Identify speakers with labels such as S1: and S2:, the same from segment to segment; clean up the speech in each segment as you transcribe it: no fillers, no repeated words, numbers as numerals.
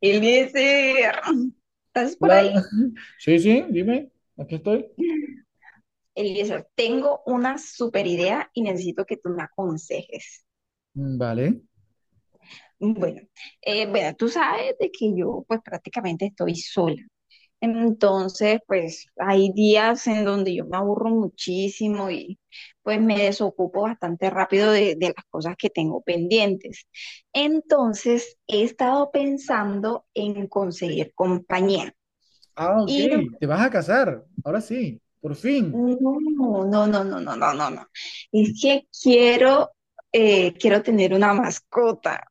S1: Eliezer, ¿estás por ahí?
S2: Hola. Sí, sí, dime, aquí estoy.
S1: Eliezer, tengo una super idea y necesito que tú me aconsejes.
S2: Mm, vale.
S1: Bueno, bueno, tú sabes de que yo pues prácticamente estoy sola. Entonces, pues hay días en donde yo me aburro muchísimo y pues me desocupo bastante rápido de las cosas que tengo pendientes. Entonces, he estado pensando en conseguir compañía.
S2: Ah, ok,
S1: Y
S2: te vas a casar, ahora sí, por fin.
S1: no, no, no, no, no, no, no, no. Es que quiero, quiero tener una mascota.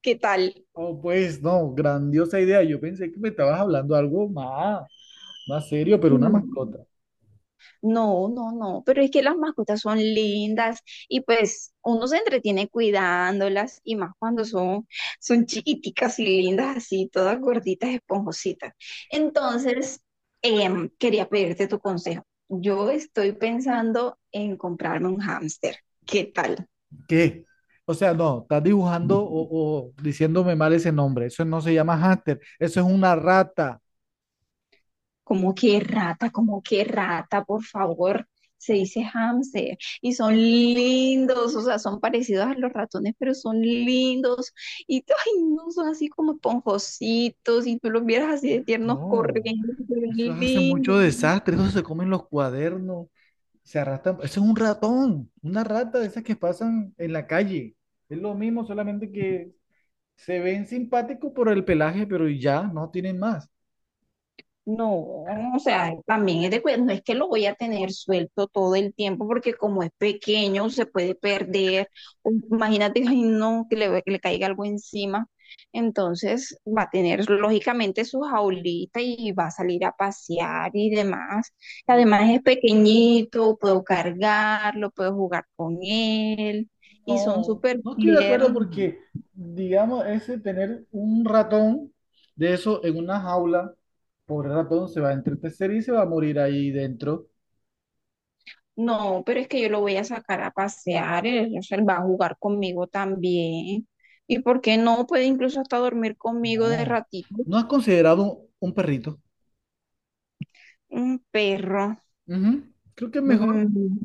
S1: ¿Qué tal?
S2: Oh, pues no, grandiosa idea. Yo pensé que me estabas hablando algo más, más serio, pero una
S1: No,
S2: mascota.
S1: no, no, no, pero es que las mascotas son lindas y pues uno se entretiene cuidándolas y más cuando son chiquiticas y lindas así, todas gorditas, esponjositas. Entonces, quería pedirte tu consejo. Yo estoy pensando en comprarme un hámster. ¿Qué tal?
S2: ¿Qué? O sea, no, estás dibujando o diciéndome mal ese nombre. Eso no se llama hámster, eso es una rata.
S1: Como que rata, por favor. Se dice hamster y son lindos, o sea, son parecidos a los ratones, pero son lindos y ay, no son así como esponjositos y tú los vieras así de tiernos
S2: No,
S1: corriendo, se ven
S2: eso hace
S1: lindos.
S2: mucho desastre, eso se come en los cuadernos. Se arrastran. Eso es un ratón, una rata de esas que pasan en la calle. Es lo mismo, solamente que se ven simpáticos por el pelaje, pero ya no tienen más.
S1: No, o sea, también es de cuidado, no es que lo voy a tener suelto todo el tiempo porque como es pequeño se puede perder, o imagínate, ay no, que le caiga algo encima, entonces va a tener lógicamente su jaulita y va a salir a pasear y demás. Además es pequeñito, puedo cargarlo, puedo jugar con él y son
S2: No,
S1: súper
S2: no estoy de
S1: tiernos.
S2: acuerdo porque, digamos, ese tener un ratón de eso en una jaula, pobre ratón, se va a entretecer y se va a morir ahí dentro.
S1: No, pero es que yo lo voy a sacar a pasear, él, o sea, él va a jugar conmigo también. ¿Y por qué no? Puede incluso hasta dormir conmigo de
S2: No,
S1: ratito.
S2: ¿no has considerado un perrito?
S1: Un perro.
S2: Ujú, creo que es mejor.
S1: Mm.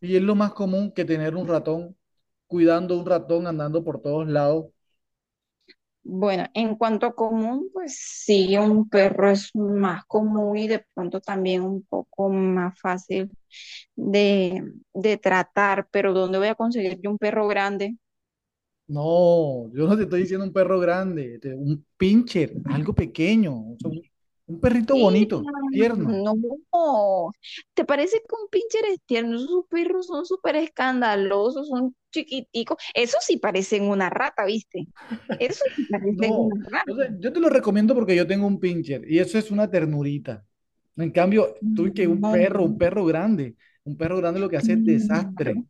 S2: Y es lo más común que tener un ratón cuidando un ratón andando por todos lados.
S1: Bueno, en cuanto a común, pues sí, un perro es más común y de pronto también un poco más fácil de, de tratar, pero ¿dónde voy a conseguir yo un perro grande?
S2: No, yo no te estoy diciendo un perro grande, un pincher, algo pequeño, o sea, un perrito
S1: Y
S2: bonito, tierno.
S1: no, ¿te parece que un pincher es tierno? Esos perros son súper escandalosos, son chiquiticos. Eso sí parecen una rata, ¿viste? Eso sí parecen una
S2: No, o sea,
S1: rata.
S2: yo te lo recomiendo porque yo tengo un pincher y eso es una ternurita. En cambio, tú que
S1: No,
S2: un perro grande lo que hace es
S1: claro.
S2: desastre.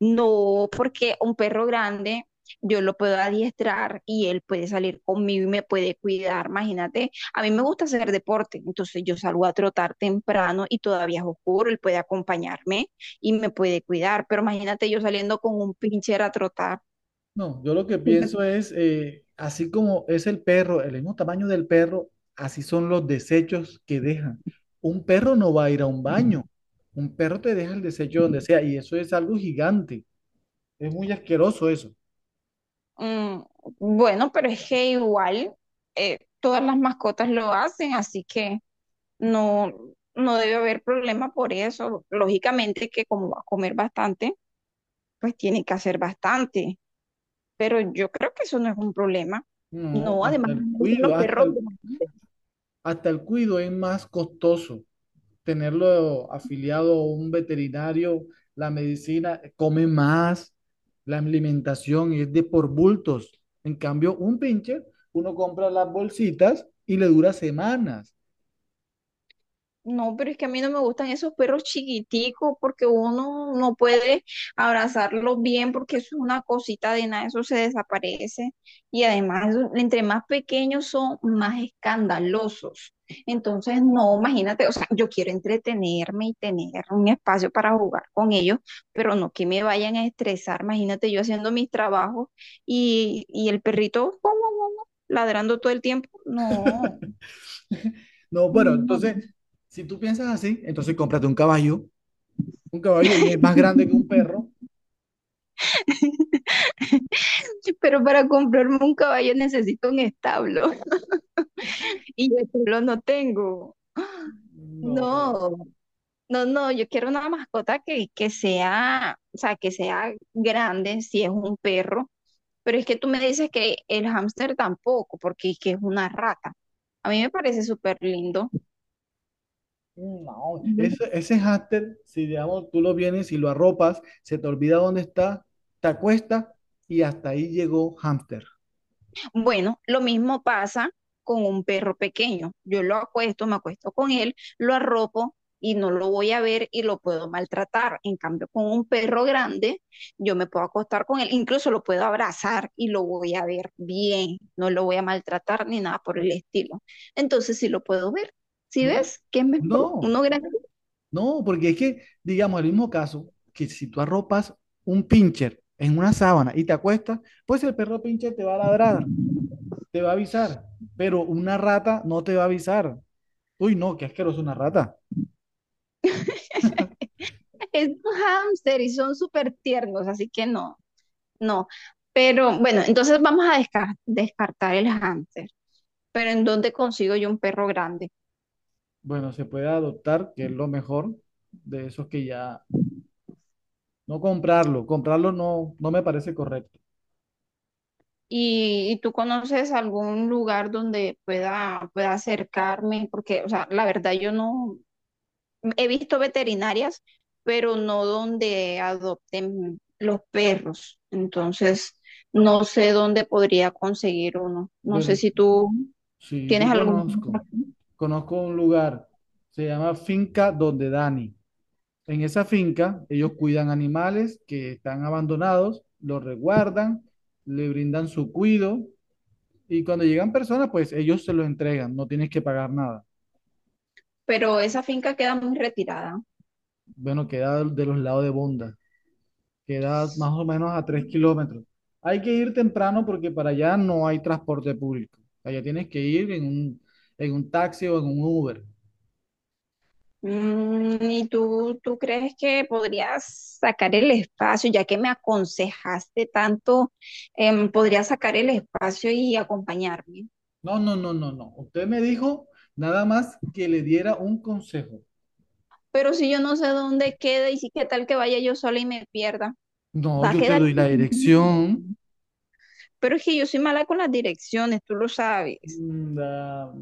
S1: No, porque un perro grande yo lo puedo adiestrar y él puede salir conmigo y me puede cuidar. Imagínate, a mí me gusta hacer deporte, entonces yo salgo a trotar temprano y todavía es oscuro, él puede acompañarme y me puede cuidar, pero imagínate yo saliendo con un pincher a trotar.
S2: No, yo lo que
S1: que me-
S2: pienso es, así como es el perro, el mismo tamaño del perro, así son los desechos que dejan. Un perro no va a ir a un baño, un perro te deja el desecho donde sea y eso es algo gigante, es muy asqueroso eso.
S1: Mm, bueno, pero es que igual todas las mascotas lo hacen, así que no, no debe haber problema por eso. Lógicamente que como va a comer bastante. Pues tiene que hacer bastante, pero yo creo que eso no es un problema.
S2: No,
S1: No, además
S2: hasta
S1: a
S2: el
S1: mí me gustan
S2: cuido,
S1: los perros bastante.
S2: hasta el cuido es más costoso. Tenerlo afiliado a un veterinario, la medicina, come más, la alimentación es de por bultos. En cambio, un pincher, uno compra las bolsitas y le dura semanas.
S1: No, pero es que a mí no me gustan esos perros chiquiticos porque uno no puede abrazarlos bien porque eso es una cosita de nada, eso se desaparece. Y además, entre más pequeños son, más escandalosos. Entonces, no, imagínate, o sea, yo quiero entretenerme y tener un espacio para jugar con ellos, pero no que me vayan a estresar. Imagínate yo haciendo mis trabajos y el perrito guau, guau, guau, guau, ladrando todo el tiempo. No,
S2: No, bueno,
S1: no, no.
S2: entonces, si tú piensas así, entonces cómprate un caballo y es más grande que un perro.
S1: Pero para comprarme un caballo necesito un establo y yo solo no tengo.
S2: No, pues,
S1: No, no, no, yo quiero una mascota que sea, o sea, que sea grande si es un perro, pero es que tú me dices que el hámster tampoco, porque es que es una rata. A mí me parece súper lindo.
S2: no. Ese hámster, si digamos, tú lo vienes y lo arropas, se te olvida dónde está, te acuestas y hasta ahí llegó hámster.
S1: Bueno, lo mismo pasa con un perro pequeño. Yo lo acuesto, me acuesto con él, lo arropo y no lo voy a ver y lo puedo maltratar. En cambio, con un perro grande, yo me puedo acostar con él, incluso lo puedo abrazar y lo voy a ver bien, no lo voy a maltratar ni nada por el estilo. Entonces, sí lo puedo ver. ¿Sí
S2: No,
S1: ves? ¿Qué es mejor?
S2: no,
S1: Uno grande.
S2: no, porque es que, digamos, el mismo caso, que si tú arropas un pincher en una sábana y te acuestas, pues el perro pincher te va a ladrar, te va a avisar, pero una rata no te va a avisar. Uy, no, qué asqueroso una rata.
S1: Es un hámster y son súper tiernos, así que no, no. Pero bueno, entonces vamos a descartar el hámster. Pero ¿en dónde consigo yo un perro grande?
S2: Bueno, se puede adoptar, que es lo mejor de esos que ya, no comprarlo, comprarlo no, no me parece correcto.
S1: Y tú conoces algún lugar donde pueda acercarme? Porque, o sea, la verdad yo no he visto veterinarias, pero no donde adopten los perros. Entonces, no sé dónde podría conseguir uno. No sé
S2: Pero
S1: si tú
S2: sí,
S1: tienes
S2: yo
S1: algún
S2: conozco,
S1: contacto,
S2: conozco un lugar, se llama Finca Donde Dani. En esa finca, ellos cuidan animales que están abandonados, los resguardan, le brindan su cuido y cuando llegan personas, pues ellos se los entregan, no tienes que pagar nada.
S1: pero esa finca queda muy retirada.
S2: Bueno, queda de los lados de Bonda, queda más o menos a 3 kilómetros. Hay que ir temprano porque para allá no hay transporte público. Allá tienes que ir en en un taxi o en un Uber.
S1: Mm, ¿y tú crees que podrías sacar el espacio, ya que me aconsejaste tanto, podrías sacar el espacio y acompañarme?
S2: No, no, no, no, no. Usted me dijo nada más que le diera un consejo.
S1: Pero si yo no sé dónde queda y si qué tal que vaya yo sola y me pierda,
S2: No,
S1: va a
S2: yo te
S1: quedar.
S2: doy la dirección.
S1: Pero es que yo soy mala con las direcciones, tú lo sabes.
S2: Mm,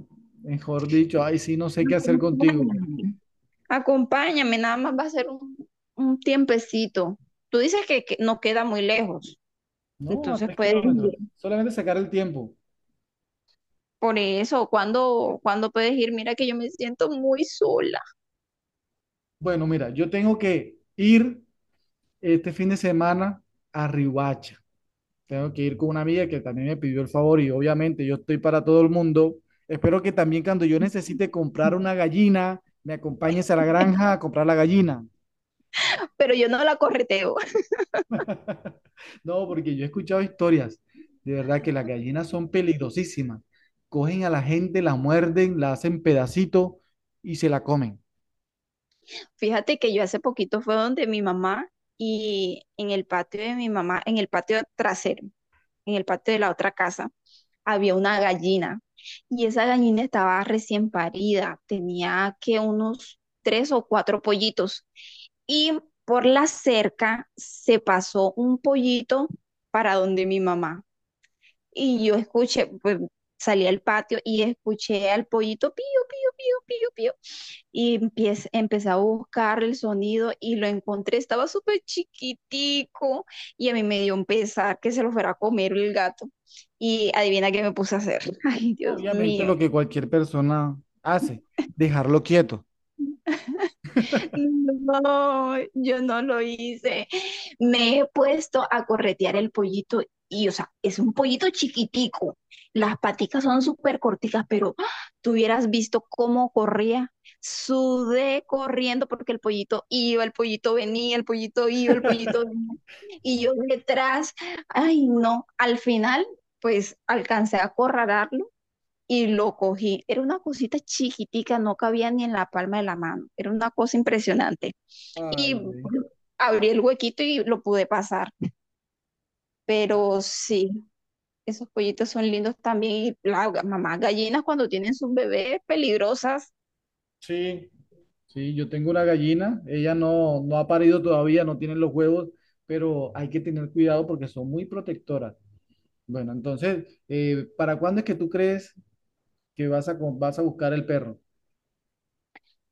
S2: mejor dicho, ay, sí, no sé qué hacer contigo. Porque...
S1: Acompáñame. Acompáñame, nada más va a ser un tiempecito. Tú dices que no queda muy lejos,
S2: no, a
S1: entonces
S2: tres
S1: puedes.
S2: kilómetros. Solamente sacar el tiempo.
S1: Por eso, cuando puedes ir, mira que yo me siento muy sola,
S2: Bueno, mira, yo tengo que ir este fin de semana a Riohacha. Tengo que ir con una amiga que también me pidió el favor y obviamente yo estoy para todo el mundo. Espero que también cuando yo necesite comprar una gallina, me acompañes a la granja a comprar la gallina.
S1: pero yo no la correteo.
S2: No, porque yo he escuchado historias, de verdad que las gallinas son peligrosísimas. Cogen a la gente, la muerden, la hacen pedacito y se la comen.
S1: Fíjate que yo hace poquito fue donde mi mamá y en el patio de mi mamá, en el patio trasero, en el patio de la otra casa, había una gallina y esa gallina estaba recién parida, tenía que unos tres o cuatro pollitos y por la cerca se pasó un pollito para donde mi mamá. Y yo escuché, pues salí al patio y escuché al pollito pío, pío, pío, pío, pío. Y empiez empecé a buscar el sonido y lo encontré. Estaba súper chiquitico y a mí me dio un pesar que se lo fuera a comer el gato. Y adivina qué me puse a hacer. Ay, Dios
S2: Obviamente
S1: mío.
S2: lo que cualquier persona hace, dejarlo quieto.
S1: No, yo no lo hice. Me he puesto a corretear el pollito y, o sea, es un pollito chiquitico. Las paticas son súper corticas, pero ¡ah! Tú hubieras visto cómo corría. Sudé corriendo porque el pollito iba, el pollito venía, el pollito iba, el pollito venía. Y yo detrás, ay no, al final pues alcancé a acorralarlo y lo cogí. Era una cosita chiquitica, no cabía ni en la palma de la mano. Era una cosa impresionante.
S2: Ay,
S1: Y
S2: güey.
S1: abrí el huequito y lo pude pasar. Pero sí, esos pollitos son lindos también. Y las mamás gallinas cuando tienen sus bebés peligrosas,
S2: Sí, sí, yo tengo una gallina, ella no, no ha parido todavía, no tiene los huevos, pero hay que tener cuidado porque son muy protectoras. Bueno, entonces, ¿para cuándo es que tú crees que vas a, vas a buscar el perro?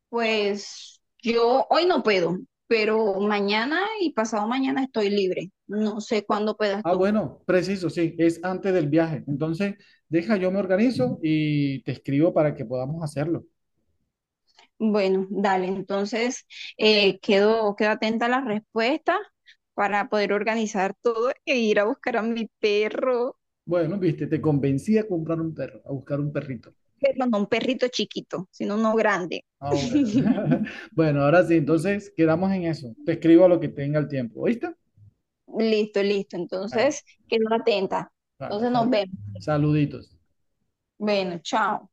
S1: pues yo hoy no puedo, pero mañana y pasado mañana estoy libre. No sé cuándo puedas
S2: Ah,
S1: tú.
S2: bueno, preciso, sí, es antes del viaje. Entonces, deja, yo me organizo y te escribo para que podamos hacerlo.
S1: Bueno, dale, entonces quedo atenta a las respuestas para poder organizar todo e ir a buscar a mi perro,
S2: Bueno, viste, te convencí a comprar un perro, a buscar un perrito.
S1: pero no un perrito chiquito, sino uno grande.
S2: Ah, bueno. Bueno, ahora sí, entonces quedamos en eso. Te escribo a lo que tenga el tiempo, ¿oíste?
S1: Listo, listo,
S2: Bueno,
S1: entonces quedo atenta.
S2: bueno,
S1: Entonces nos vemos.
S2: saluditos.
S1: Bueno, chao.